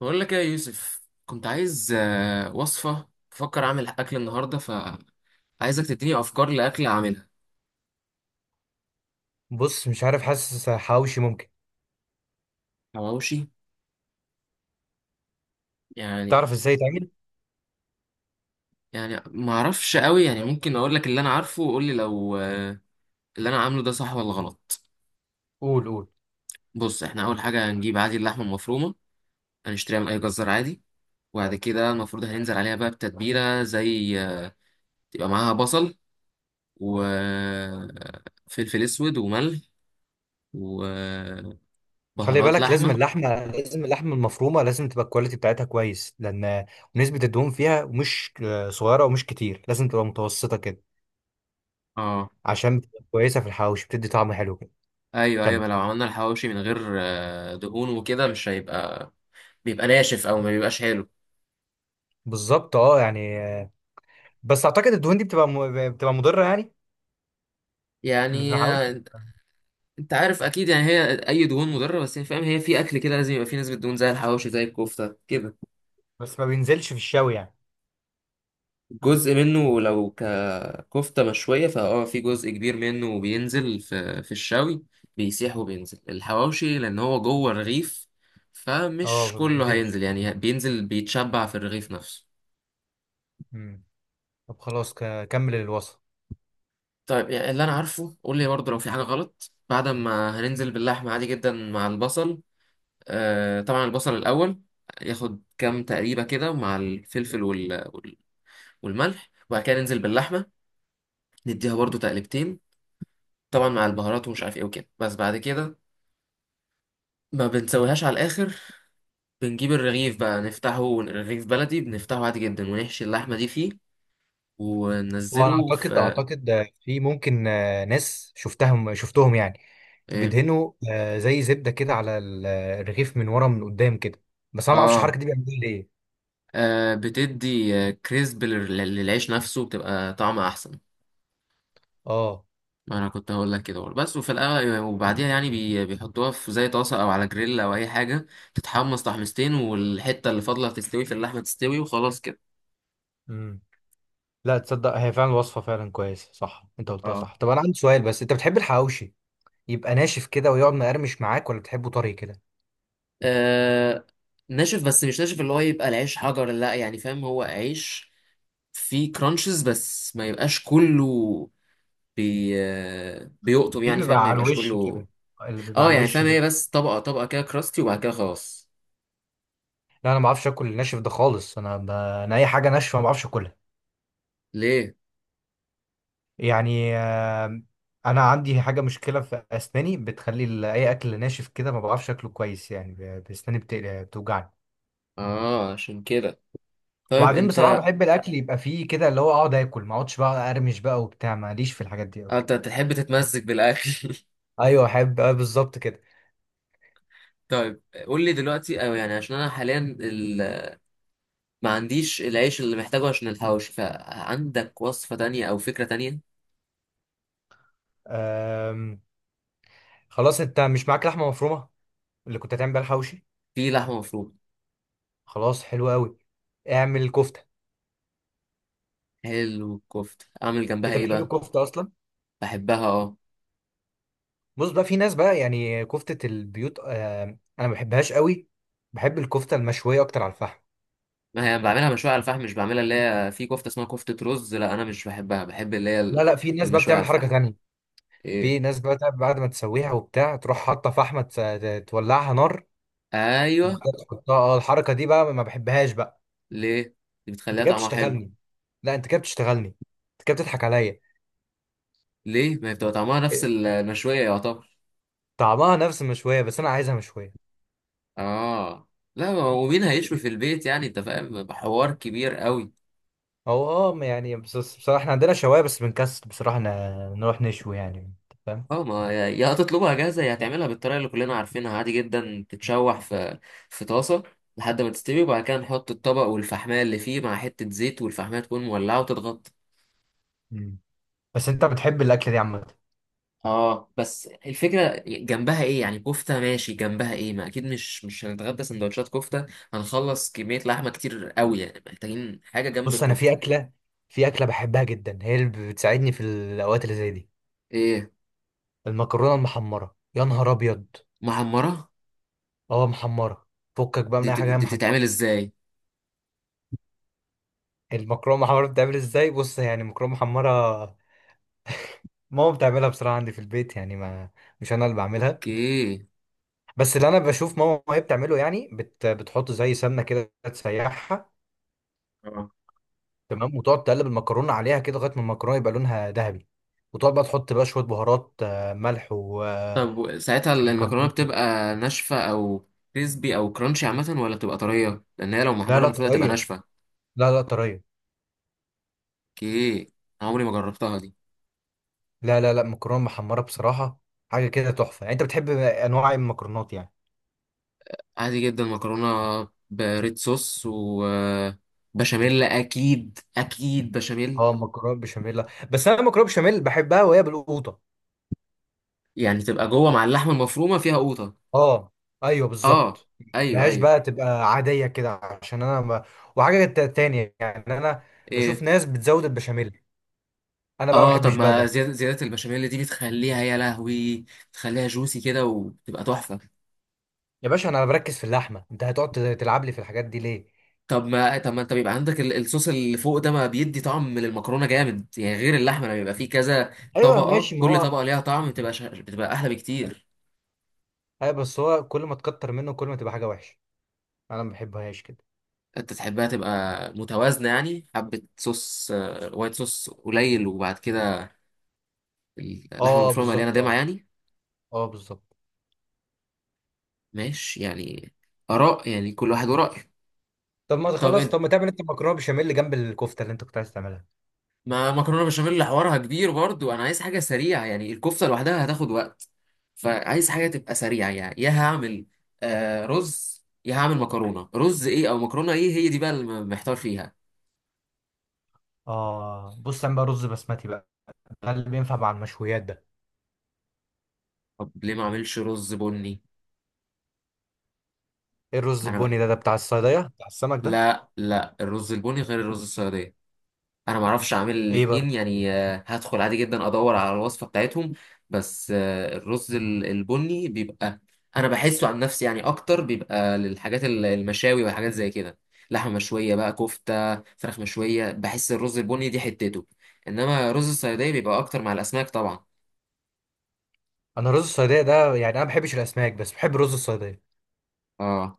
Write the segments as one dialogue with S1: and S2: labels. S1: بقول لك ايه يا يوسف؟ كنت عايز وصفة، بفكر اعمل اكل النهاردة، فعايزك تديني افكار لاكل اعملها.
S2: بص مش عارف، حاسس حواوشي ممكن
S1: حواوشي؟ يعني.
S2: تعرف ازاي تعمل.
S1: يعني ما اعرفش قوي، يعني ممكن اقول لك اللي انا عارفه وقول لي لو اللي انا عامله ده صح ولا غلط.
S2: قول قول.
S1: بص، احنا اول حاجة هنجيب عادي اللحمة المفرومة، هنشتريها من اي جزار عادي. وبعد كده المفروض هننزل عليها بقى بتتبيلة زي تبقى معاها بصل، وفلفل اسود وملح، وبهارات.
S2: خلي بالك، لازم
S1: لحمة.
S2: اللحمه، لازم اللحمه المفرومه لازم تبقى الكواليتي بتاعتها كويس، لان نسبه الدهون فيها مش صغيره ومش كتير، لازم تبقى متوسطه كده،
S1: اه.
S2: عشان بتبقى كويسه في الحواوشي، بتدي طعم حلو كده.
S1: ايوه، ايوه،
S2: كمل.
S1: ما لو عملنا الحواوشي من غير دهون وكده، مش هيبقى، بيبقى ناشف او ما بيبقاش حلو.
S2: بالظبط اه، يعني. بس اعتقد الدهون دي بتبقى مضره يعني، اللي في
S1: يعني
S2: الحواوشي،
S1: انت عارف اكيد، يعني هي اي دهون مضره، بس هي فاهم؟ هي في اكل كده لازم يبقى فيه نسبه دهون، زي الحواوشي زي الكفته كده.
S2: بس ما بينزلش في الشوي يعني.
S1: جزء منه لو ككفته مشويه، فاه، في جزء كبير منه بينزل في الشوي، بيسيح وبينزل الحواوشي لان هو جوه الرغيف.
S2: اه
S1: فمش
S2: ما
S1: كله هينزل
S2: بينزلش.
S1: يعني، بينزل بيتشبع في الرغيف نفسه.
S2: مم. طب خلاص، كمل الوصف.
S1: طيب يعني اللي انا عارفه، قول لي برضه لو في حاجه غلط. بعد ما هننزل باللحمه عادي جدا مع البصل، آه طبعا البصل الاول ياخد كام تقريبه كده مع الفلفل والملح، وبعد كده ننزل باللحمه، نديها برضه تقلبتين، طبعا مع البهارات ومش عارف ايه وكده. بس بعد كده ما بنسويهاش على الاخر، بنجيب الرغيف بقى نفتحه، رغيف بلدي بنفتحه عادي جدا ونحشي اللحمه دي فيه،
S2: وانا
S1: وننزله
S2: اعتقد،
S1: في...
S2: في ممكن ناس، شفتهم يعني
S1: ايه؟
S2: بيدهنوا زي زبده كده على الرغيف من ورا من قدام كده، بس انا ما اعرفش الحركه
S1: اه.
S2: دي بيعملوها ليه.
S1: بتدي كريسب للعيش نفسه، بتبقى طعمه احسن.
S2: اه.
S1: ما انا كنت هقول لك كده برضه. بس وفي الاول وبعديها يعني بيحطوها في زي طاسه او على جريل او اي حاجه، تتحمص تحميصتين والحته اللي فاضله تستوي في اللحمه تستوي وخلاص كده.
S2: امم. لا تصدق، هي فعلا وصفه فعلا كويسه صح، انت قلتها
S1: اه.
S2: صح. طب انا عندي سؤال، بس انت بتحب الحواوشي يبقى ناشف كده ويقعد مقرمش معاك، ولا بتحبه طري كده؟
S1: آه، ناشف، بس مش ناشف اللي هو يبقى العيش حجر لا، يعني فاهم؟ هو عيش فيه كرانشز بس ما يبقاش كله. بي آه، بيقطم
S2: في
S1: يعني، فاهم؟
S2: بيبقى
S1: ما
S2: على
S1: يبقاش
S2: الوش
S1: كله.
S2: كده، اللي بيبقى
S1: اه
S2: على
S1: يعني
S2: الوش
S1: فاهم،
S2: ده.
S1: هي بس طبقة طبقة كده، كراستي وبعد كده خلاص.
S2: لا انا ما بعرفش اكل الناشف ده خالص، انا انا اي حاجه ناشفه ما بعرفش اكلها.
S1: ليه؟
S2: يعني انا عندي حاجه، مشكله في اسناني، بتخلي اي اكل ناشف كده ما بعرفش اكله كويس، يعني بسناني بتوجعني.
S1: اه عشان كده. طيب
S2: وبعدين بصراحه
S1: انت
S2: بحب الاكل يبقى فيه كده، اللي هو اقعد اكل، ما اقعدش بقى ارمش بقى وبتاع، ماليش في الحاجات دي قوي.
S1: انت تحب تتمزج بالاكل
S2: ايوه احب بالظبط كده.
S1: طيب قول لي دلوقتي او يعني عشان انا حاليا ما عنديش العيش اللي محتاجه عشان الحوش، فعندك وصفة تانية او فكرة تانية؟
S2: آم، خلاص، انت مش معاك لحمه مفرومه اللي كنت هتعمل بيها الحوشي؟
S1: في لحمة مفرومة.
S2: خلاص، حلو قوي. اعمل كفته.
S1: حلو، الكفتة اعمل جنبها
S2: انت
S1: ايه
S2: بتحب
S1: بقى؟
S2: الكفته اصلا؟
S1: بحبها، اه.
S2: بص بقى، في ناس بقى، يعني كفته البيوت، انا ما بحبهاش قوي. بحب الكفته المشويه اكتر على الفحم.
S1: ما هي بعملها مشوية على الفحم، مش بعملها اللي هي في كفتة اسمها كفتة رز، لا انا مش بحبها، بحب اللي هي
S2: لا لا، في ناس بقى
S1: المشوية على
S2: بتعمل حركة
S1: الفحم.
S2: تانية.
S1: ايه؟
S2: في ناس بقى بعد ما تسويها وبتاع، تروح حاطة فحمة تولعها نار
S1: ايوه.
S2: وبعدها تحطها. اه الحركة دي بقى ما بحبهاش بقى.
S1: ليه؟ دي
S2: انت
S1: بتخليها
S2: كده
S1: طعمها حلو.
S2: بتشتغلني. لا، انت كده بتشتغلني. انت كده بتضحك عليا.
S1: ليه، ما هي بتبقى طعمها نفس
S2: إيه،
S1: المشوية يعتبر.
S2: طعمها نفس المشوية، بس انا عايزها مشوية.
S1: اه. لا ما هو مين هيشوي في البيت يعني، انت فاهم؟ حوار كبير قوي.
S2: هو اه يعني، بس بصراحة احنا عندنا شواية، بس بنكسل بصراحة نروح نشوي، يعني انت فاهم.
S1: اه، ما يا هتطلبها جاهزه يا هتعملها بالطريقه اللي كلنا عارفينها، عادي جدا تتشوح في طاسه لحد ما تستوي، وبعد كده نحط الطبق والفحمايه اللي فيه مع حته زيت، والفحمايه تكون مولعه وتتغطى.
S2: مم. بس انت بتحب الأكلة دي عامة؟
S1: اه بس الفكره جنبها ايه يعني؟ كفته ماشي، جنبها ايه؟ ما اكيد مش هنتغدى سندوتشات كفته، هنخلص كميه لحمه كتير قوي يعني، محتاجين حاجه جنب
S2: بص انا
S1: الكفته.
S2: في أكلة، في أكلة بحبها جدا، هي اللي بتساعدني في الأوقات اللي زي دي.
S1: ايه؟
S2: المكرونة المحمرة، يا نهار أبيض.
S1: محمره؟
S2: اه محمرة. فكك بقى من اي حاجة، هي
S1: دي
S2: محمرة.
S1: بتتعمل ازاي؟
S2: المكرونة محمرة بتتعمل ازاي؟ بص يعني المكرونة محمرة، ماما بتعملها بصراحة، عندي في البيت يعني، ما مش انا اللي بعملها،
S1: اوكي.
S2: بس اللي انا بشوف ماما وهي بتعمله يعني، بتحط زي سمنة كده تسيحها.
S1: اه
S2: تمام، وتقعد تقلب المكرونة عليها كده لغاية ما المكرونة يبقى لونها ذهبي. وتقعد بقى تحط بقى شوية بهارات، ملح و
S1: طب ساعتها المكرونة
S2: وكمون كده.
S1: بتبقى ناشفة أو كريسبي أو كرانشي عامة، ولا بتبقى طرية؟ لأن هي لو
S2: لا
S1: محمرة
S2: لا
S1: المفروض هتبقى
S2: طرية.
S1: ناشفة.
S2: لا لا طرية.
S1: اوكي. أنا عمري ما جربتها دي.
S2: لا لا لا، مكرونة محمرة بصراحة حاجة كده تحفة. يعني انت بتحب انواع المكرونات يعني؟
S1: عادي جدا مكرونة بريد صوص وبشاميل، أكيد أكيد بشاميل.
S2: اه مكرونه بشاميل، لا. بس انا مكرونه بشاميل بحبها وهي بالقوطه.
S1: يعني تبقى جوه مع اللحمة المفرومة، فيها قوطة.
S2: اه. ايوه
S1: آه.
S2: بالظبط.
S1: أيوه،
S2: مبهاش
S1: أيوه.
S2: بقى، تبقى عاديه كده، عشان انا ما... وحاجه تانية يعني، انا بشوف
S1: إيه؟
S2: ناس بتزود البشاميل، انا بقى ما
S1: آه طب
S2: بحبش بقى
S1: ما
S2: ده.
S1: زيادة زيادة البشاميل دي بتخليها، يا لهوي، بتخليها جوسي كده وبتبقى تحفة.
S2: يا باشا انا بركز في اللحمه، انت هتقعد تلعب لي في الحاجات دي ليه؟
S1: طب ما انت بيبقى عندك الصوص اللي فوق ده، ما بيدي طعم للمكرونه جامد يعني، غير اللحمه، لما بيبقى فيه كذا
S2: ايوه
S1: طبقه،
S2: ماشي، ما
S1: كل
S2: هو
S1: طبقه ليها طعم، بتبقى احلى بكتير.
S2: ايوه، بس هو كل ما تكتر منه كل ما تبقى حاجه وحشه، انا ما بحبهاش كده.
S1: انت تحبها تبقى متوازنه يعني، حبه صوص وايت صوص قليل، وبعد كده اللحمه
S2: اه
S1: المفرومه مليانه
S2: بالظبط
S1: دمعه
S2: اه.
S1: يعني.
S2: اه بالظبط.
S1: ماشي يعني، اراء يعني، كل واحد ورأيه.
S2: طب ما
S1: طب
S2: تخلص، طب ما تعمل انت مكرونه بشاميل جنب الكفته اللي انت كنت عايز تعملها.
S1: ما مكرونه بشاميل اللي حوارها كبير برضو، انا عايز حاجه سريعه يعني، الكفته لوحدها هتاخد وقت، فعايز حاجه تبقى سريعه يعني. يا هعمل رز، يا هعمل مكرونه، رز ايه او مكرونه ايه، هي دي بقى اللي محتار فيها.
S2: اه بص، اعمل بقى رز بسمتي بقى، ده اللي بينفع مع المشويات ده.
S1: طب ليه ما اعملش رز بني؟
S2: ايه الرز
S1: انا بقى.
S2: البني ده؟ ده بتاع الصيدية، بتاع السمك ده؟
S1: لا لا، الرز البني غير الرز السعوديه، انا ما اعرفش اعمل
S2: ايه بقى
S1: الاتنين
S2: الرز البني؟
S1: يعني، هدخل عادي جدا ادور على الوصفه بتاعتهم. بس الرز البني بيبقى، انا بحسه عن نفسي يعني، اكتر بيبقى للحاجات المشاوي والحاجات زي كده. لحمه مشويه بقى، كفته، فراخ مشويه، بحس الرز البني دي حتته. انما رز الصياديه بيبقى اكتر مع الاسماك طبعا.
S2: انا رز الصيدية ده يعني، انا ما بحبش الاسماك، بس بحب رز الصيدية.
S1: اه.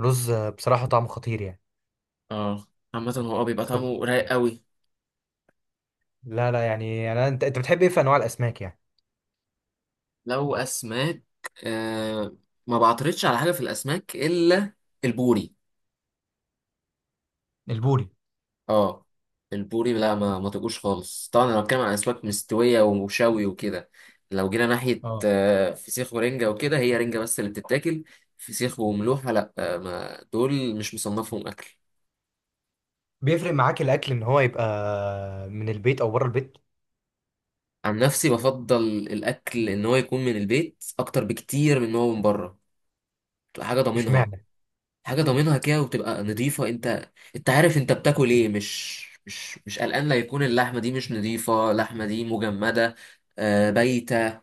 S2: رز بصراحة طعمه خطير يعني.
S1: اه. عامه هو بيبقى
S2: طب،
S1: طعمه رايق قوي.
S2: لا لا يعني، انت انت بتحب ايه في انواع الاسماك يعني؟
S1: لو اسماك، آه، ما بعترضش على حاجه في الاسماك الا البوري.
S2: البوري.
S1: اه. البوري لا ما تبقوش خالص. طبعا انا بتكلم عن اسماك مستويه وشوي وكده، لو جينا ناحيه
S2: اه
S1: فسيخ ورنجه وكده، هي رنجه بس اللي بتتاكل، فسيخ وملوحه لا ما دول مش مصنفهم اكل.
S2: بيفرق معاك الاكل ان هو يبقى من البيت او بره البيت؟
S1: عن نفسي بفضل الاكل ان هو يكون من البيت اكتر بكتير من ان هو من بره، بتبقى حاجه ضامنها.
S2: اشمعنى؟
S1: حاجه ضامنها كده وبتبقى نظيفه، انت عارف انت بتاكل ايه، مش مش قلقان لا يكون اللحمه دي مش نظيفه، اللحمه دي مجمده، بايته،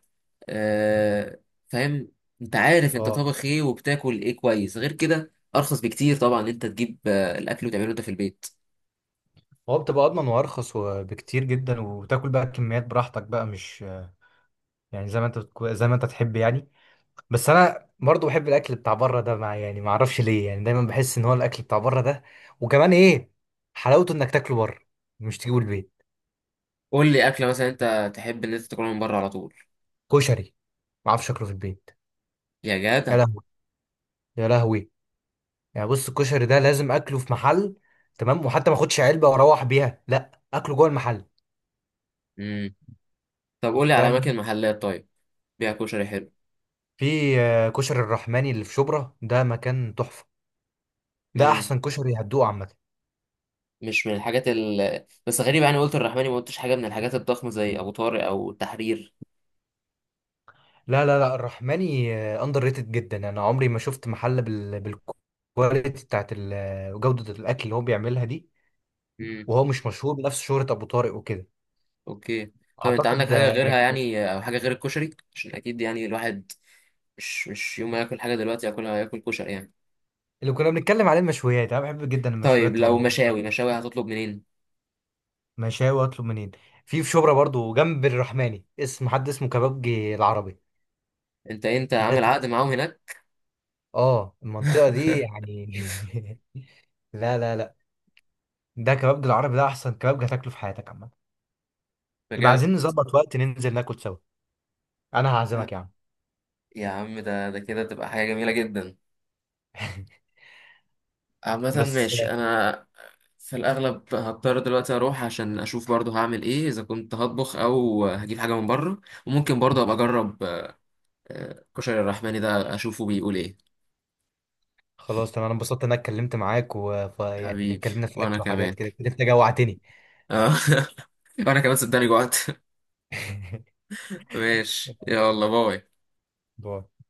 S1: آه، فاهم. انت عارف انت
S2: اه
S1: طابخ ايه وبتاكل ايه كويس. غير كده ارخص بكتير طبعا ان انت تجيب الاكل وتعمله انت في البيت.
S2: هو بتبقى اضمن وارخص وبكتير جدا، وتاكل بقى كميات براحتك بقى، مش يعني زي ما انت زي ما انت تحب يعني. بس انا برضو بحب الاكل بتاع بره ده، مع يعني ما اعرفش ليه، يعني دايما بحس ان هو الاكل بتاع بره ده، وكمان ايه، حلاوته انك تاكله بره، مش تجيبه البيت.
S1: قول لي اكله مثلا انت تحب ان انت تاكلها من بره على طول.
S2: كشري، ما اعرفش اكله في البيت.
S1: يا
S2: يا
S1: جدع.
S2: لهوي. يا لهوي. يعني بص الكشري ده لازم اكله في محل، تمام، وحتى ما اخدش علبه واروح بيها، لا اكله جوه المحل،
S1: امم. طب قول لي على اماكن
S2: فاهم.
S1: محلات طيب بيع كشري حلو.
S2: في كشري الرحماني اللي في شبرا، ده مكان تحفه. ده
S1: امم.
S2: احسن كشري هتدوقه عامه.
S1: مش من الحاجات بس غريب يعني، قلت الرحماني، ما قلتش حاجه من الحاجات الضخمه زي ابو طارق او التحرير.
S2: لا لا لا، الرحماني اندر ريتد جدا، انا عمري ما شفت محل بالكواليتي بتاعت جودة الاكل اللي هو بيعملها دي.
S1: امم.
S2: وهو مش مشهور بنفس شهرة ابو طارق وكده.
S1: اوكي. طب انت
S2: اعتقد
S1: عندك
S2: ده
S1: حاجه غيرها
S2: يعني
S1: يعني، او حاجه غير الكشري؟ عشان اكيد يعني الواحد مش يوم ما ياكل حاجه دلوقتي ياكلها، ياكل كشري يعني.
S2: اللي كنا بنتكلم عليه، المشويات، انا بحب جدا
S1: طيب
S2: المشويات تبقى
S1: لو مشاوي،
S2: مغمرة.
S1: مشاوي هتطلب منين؟
S2: مشاوي اطلب منين؟ في شبرا برضو جنب الرحماني، اسم حد اسمه كبابجي العربي،
S1: انت
S2: ده
S1: عامل عقد
S2: تحفة.
S1: معاهم هناك
S2: اه المنطقة دي يعني. لا لا لا، ده كبابجي العربي ده احسن كبابجي هتاكله في حياتك عامة. يبقى
S1: بجد.
S2: عايزين نظبط وقت ننزل ناكل سوا، انا هعزمك
S1: آه،
S2: يا عم.
S1: يا عم ده كده تبقى حاجة جميلة جدا. عامة
S2: بس
S1: ماشي. انا في الاغلب هضطر دلوقتي اروح عشان اشوف برضو هعمل ايه، اذا كنت هطبخ او هجيب حاجة من بره، وممكن برضو ابقى اجرب كشري الرحماني ده، اشوفه بيقول ايه.
S2: خلاص تمام، انا انبسطت ان انا اتكلمت معاك، ويعني
S1: حبيبي،
S2: اتكلمنا في
S1: وانا
S2: اكل وحاجات
S1: كمان
S2: كده كده، انت جوعتني.
S1: آه، وانا كمان صدقني جوعت ماشي، يلا باي.
S2: باي.